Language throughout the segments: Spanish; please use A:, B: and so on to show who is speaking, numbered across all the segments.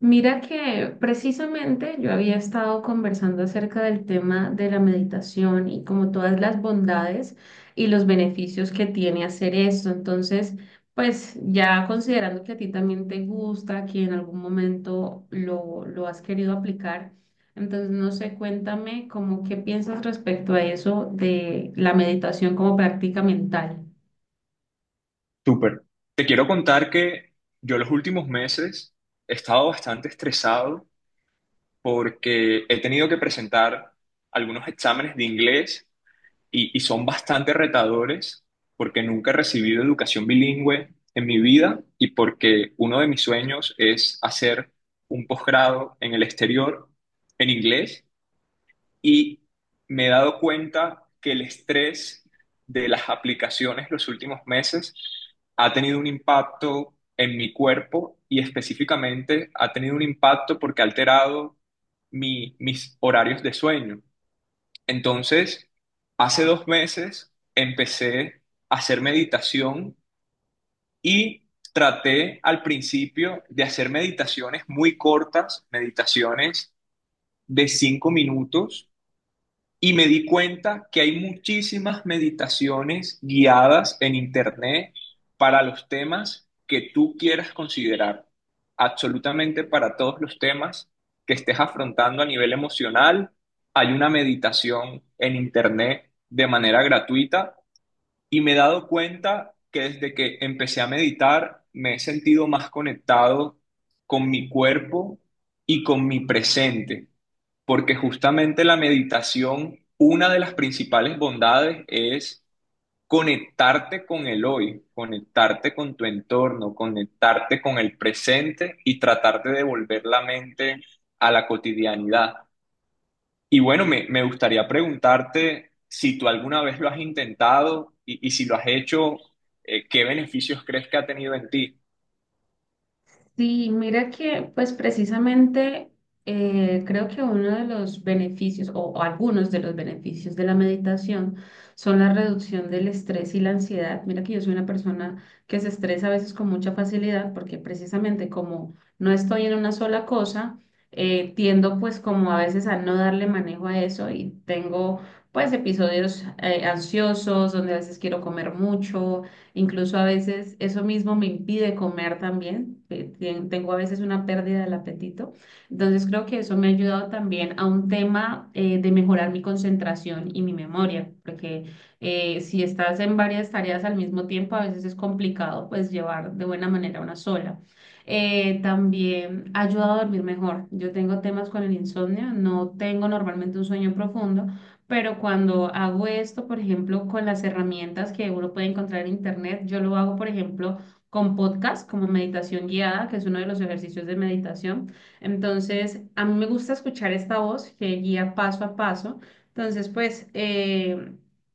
A: Mira que precisamente yo había estado conversando acerca del tema de la meditación y como todas las bondades y los beneficios que tiene hacer esto. Entonces, pues ya considerando que a ti también te gusta, que en algún momento lo has querido aplicar, entonces no sé, cuéntame como qué piensas respecto a eso de la meditación como práctica mental.
B: Súper. Te quiero contar que yo los últimos meses he estado bastante estresado porque he tenido que presentar algunos exámenes de inglés y son bastante retadores porque nunca he recibido educación bilingüe en mi vida y porque uno de mis sueños es hacer un posgrado en el exterior en inglés y me he dado cuenta que el estrés de las aplicaciones los últimos meses ha tenido un impacto en mi cuerpo y específicamente ha tenido un impacto porque ha alterado mis horarios de sueño. Entonces, hace 2 meses empecé a hacer meditación y traté al principio de hacer meditaciones muy cortas, meditaciones de 5 minutos y me di cuenta que hay muchísimas meditaciones guiadas en Internet para los temas que tú quieras considerar, absolutamente para todos los temas que estés afrontando a nivel emocional. Hay una meditación en Internet de manera gratuita y me he dado cuenta que desde que empecé a meditar me he sentido más conectado con mi cuerpo y con mi presente. Porque justamente la meditación, una de las principales bondades es conectarte con el hoy, conectarte con tu entorno, conectarte con el presente y tratar de devolver la mente a la cotidianidad. Y bueno, me gustaría preguntarte si tú alguna vez lo has intentado y si lo has hecho, ¿qué beneficios crees que ha tenido en ti?
A: Sí, mira que pues precisamente creo que uno de los beneficios o algunos de los beneficios de la meditación son la reducción del estrés y la ansiedad. Mira que yo soy una persona que se estresa a veces con mucha facilidad porque precisamente como no estoy en una sola cosa, tiendo pues como a veces a no darle manejo a eso y tengo pues episodios ansiosos donde a veces quiero comer mucho. Incluso a veces eso mismo me impide comer también. Tengo a veces una pérdida del apetito. Entonces creo que eso me ha ayudado también a un tema de mejorar mi concentración y mi memoria, porque si estás en varias tareas al mismo tiempo, a veces es complicado pues llevar de buena manera una sola. También ha ayudado a dormir mejor. Yo tengo temas con el insomnio, no tengo normalmente un sueño profundo. Pero cuando hago esto, por ejemplo, con las herramientas que uno puede encontrar en internet, yo lo hago, por ejemplo, con podcast, como meditación guiada, que es uno de los ejercicios de meditación. Entonces, a mí me gusta escuchar esta voz que guía paso a paso. Entonces, pues,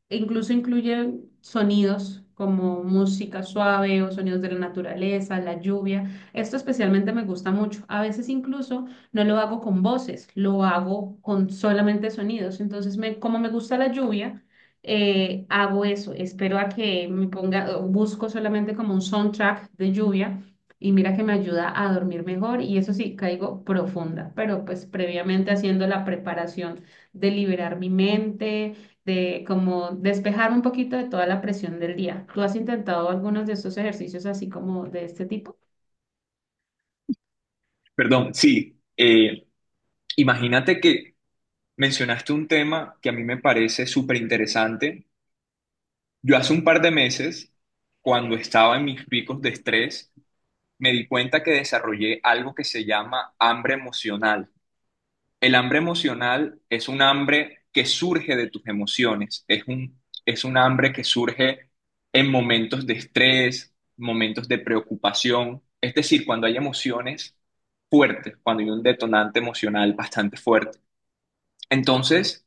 A: incluso incluye sonidos como música suave o sonidos de la naturaleza, la lluvia. Esto especialmente me gusta mucho. A veces incluso no lo hago con voces, lo hago con solamente sonidos. Entonces, como me gusta la lluvia, hago eso. Espero a que me ponga, busco solamente como un soundtrack de lluvia y mira que me ayuda a dormir mejor y eso sí, caigo profunda, pero pues previamente haciendo la preparación de liberar mi mente, de como despejarme un poquito de toda la presión del día. ¿Tú has intentado algunos de estos ejercicios así como de este tipo?
B: Perdón, sí, imagínate que mencionaste un tema que a mí me parece súper interesante. Yo hace un par de meses, cuando estaba en mis picos de estrés, me di cuenta que desarrollé algo que se llama hambre emocional. El hambre emocional es un hambre que surge de tus emociones, es un hambre que surge en momentos de estrés, momentos de preocupación, es decir, cuando hay emociones fuertes, cuando hay un detonante emocional bastante fuerte. Entonces,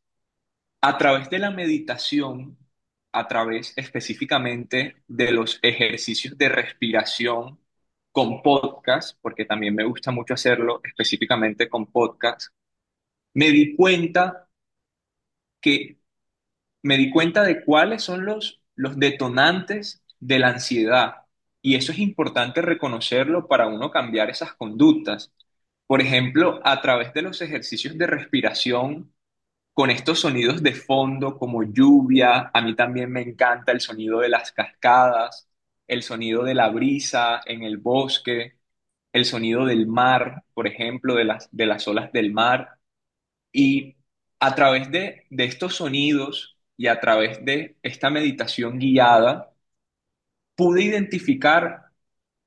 B: a través de la meditación, a través específicamente de los ejercicios de respiración con podcast, porque también me gusta mucho hacerlo específicamente con podcast, me di cuenta que me di cuenta de cuáles son los detonantes de la ansiedad. Y eso es importante reconocerlo para uno cambiar esas conductas. Por ejemplo, a través de los ejercicios de respiración, con estos sonidos de fondo como lluvia. A mí también me encanta el sonido de las cascadas, el sonido de la brisa en el bosque, el sonido del mar, por ejemplo, de de las olas del mar. Y a través de estos sonidos y a través de esta meditación guiada, pude identificar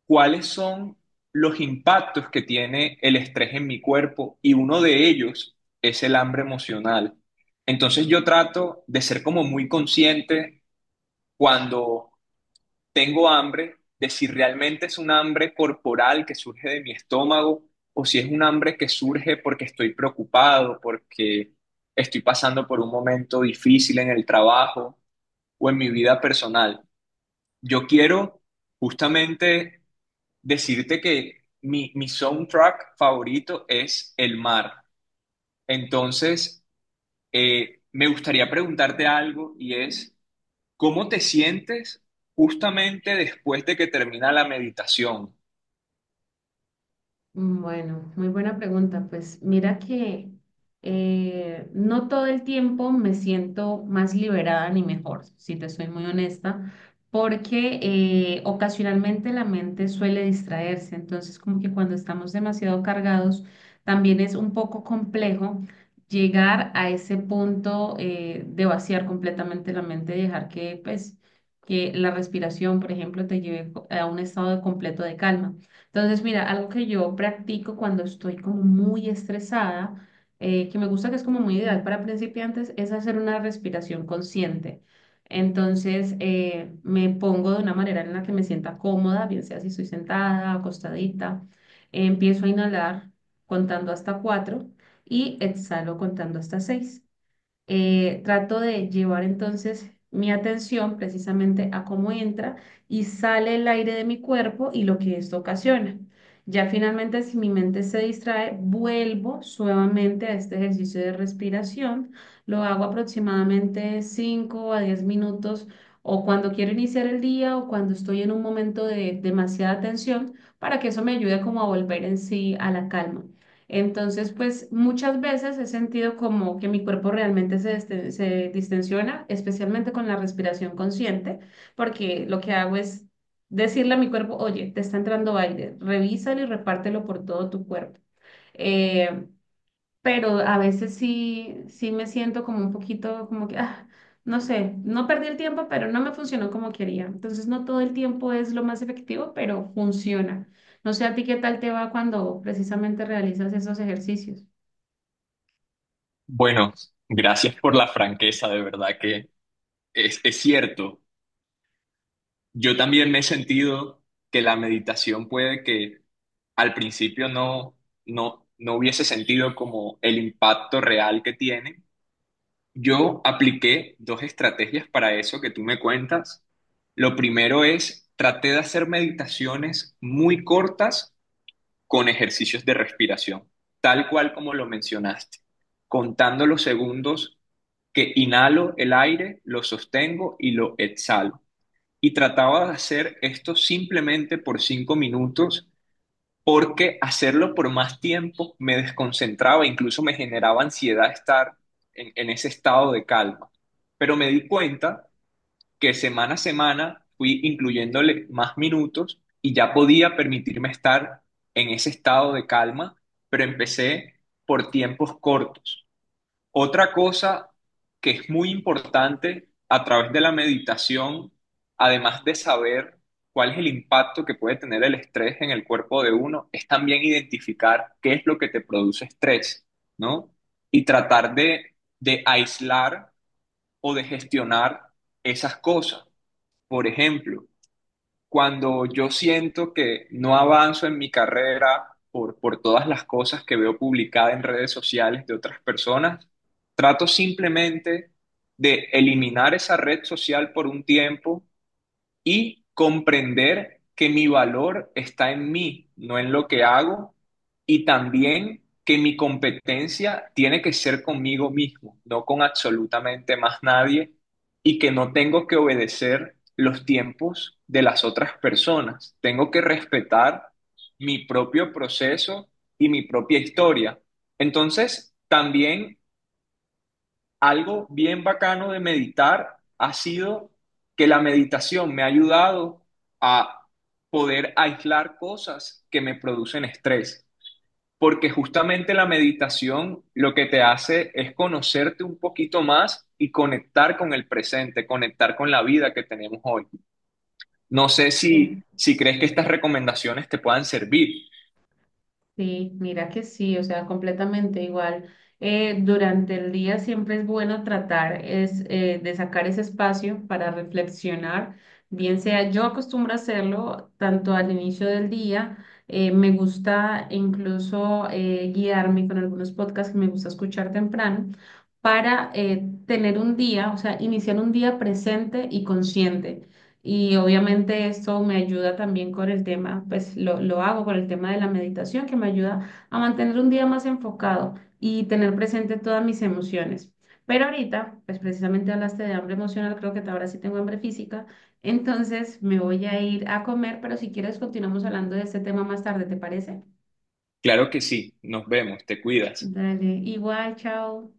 B: cuáles son los impactos que tiene el estrés en mi cuerpo y uno de ellos es el hambre emocional. Entonces yo trato de ser como muy consciente cuando tengo hambre, de si realmente es un hambre corporal que surge de mi estómago o si es un hambre que surge porque estoy preocupado, porque estoy pasando por un momento difícil en el trabajo o en mi vida personal. Yo quiero justamente decirte que mi soundtrack favorito es el mar. Entonces, me gustaría preguntarte algo y es, ¿cómo te sientes justamente después de que termina la meditación?
A: Mm, bueno, muy buena pregunta. Pues mira que no todo el tiempo me siento más liberada ni mejor, si te soy muy honesta, porque ocasionalmente la mente suele distraerse. Entonces, como que cuando estamos demasiado cargados, también es un poco complejo llegar a ese punto de vaciar completamente la mente y dejar que, pues, que la respiración, por ejemplo, te lleve a un estado de completo de calma. Entonces, mira, algo que yo practico cuando estoy como muy estresada, que me gusta que es como muy ideal para principiantes, es hacer una respiración consciente. Entonces, me pongo de una manera en la que me sienta cómoda, bien sea si estoy sentada, acostadita. Empiezo a inhalar contando hasta cuatro y exhalo contando hasta seis. Trato de llevar entonces mi atención precisamente a cómo entra y sale el aire de mi cuerpo y lo que esto ocasiona. Ya finalmente, si mi mente se distrae, vuelvo suavemente a este ejercicio de respiración. Lo hago aproximadamente 5 a 10 minutos o cuando quiero iniciar el día o cuando estoy en un momento de demasiada tensión para que eso me ayude como a volver en sí a la calma. Entonces, pues muchas veces he sentido como que mi cuerpo realmente se distensiona, especialmente con la respiración consciente, porque lo que hago es decirle a mi cuerpo, oye, te está entrando aire, revísalo y repártelo por todo tu cuerpo. Eh, pero a veces sí me siento como un poquito como que, ah, no sé, no perdí el tiempo, pero no me funcionó como quería. Entonces, no todo el tiempo es lo más efectivo, pero funciona. No sé a ti qué tal te va cuando precisamente realizas esos ejercicios.
B: Bueno, gracias por la franqueza, de verdad que es cierto. Yo también me he sentido que la meditación puede que al principio no hubiese sentido como el impacto real que tiene. Yo apliqué dos estrategias para eso que tú me cuentas. Lo primero es, traté de hacer meditaciones muy cortas con ejercicios de respiración, tal cual como lo mencionaste, contando los segundos que inhalo el aire, lo sostengo y lo exhalo. Y trataba de hacer esto simplemente por 5 minutos porque hacerlo por más tiempo me desconcentraba, incluso me generaba ansiedad estar en ese estado de calma. Pero me di cuenta que semana a semana fui incluyéndole más minutos y ya podía permitirme estar en ese estado de calma, pero empecé por tiempos cortos. Otra cosa que es muy importante a través de la meditación, además de saber cuál es el impacto que puede tener el estrés en el cuerpo de uno, es también identificar qué es lo que te produce estrés, ¿no? Y tratar de aislar o de gestionar esas cosas. Por ejemplo, cuando yo siento que no avanzo en mi carrera por todas las cosas que veo publicadas en redes sociales de otras personas, trato simplemente de eliminar esa red social por un tiempo y comprender que mi valor está en mí, no en lo que hago, y también que mi competencia tiene que ser conmigo mismo, no con absolutamente más nadie, y que no tengo que obedecer los tiempos de las otras personas. Tengo que respetar mi propio proceso y mi propia historia. Entonces, también algo bien bacano de meditar ha sido que la meditación me ha ayudado a poder aislar cosas que me producen estrés, porque justamente la meditación lo que te hace es conocerte un poquito más y conectar con el presente, conectar con la vida que tenemos hoy. No sé si crees que estas recomendaciones te puedan servir.
A: Sí, mira que sí, o sea, completamente igual. Durante el día siempre es bueno tratar de sacar ese espacio para reflexionar, bien sea yo acostumbro a hacerlo tanto al inicio del día, me gusta incluso guiarme con algunos podcasts que me gusta escuchar temprano para tener un día, o sea, iniciar un día presente y consciente. Y obviamente eso me ayuda también con el tema, pues lo hago con el tema de la meditación, que me ayuda a mantener un día más enfocado y tener presente todas mis emociones. Pero ahorita, pues precisamente hablaste de hambre emocional, creo que ahora sí tengo hambre física, entonces me voy a ir a comer, pero si quieres continuamos hablando de este tema más tarde, ¿te parece?
B: Claro que sí, nos vemos, te cuidas.
A: Dale, igual, chao.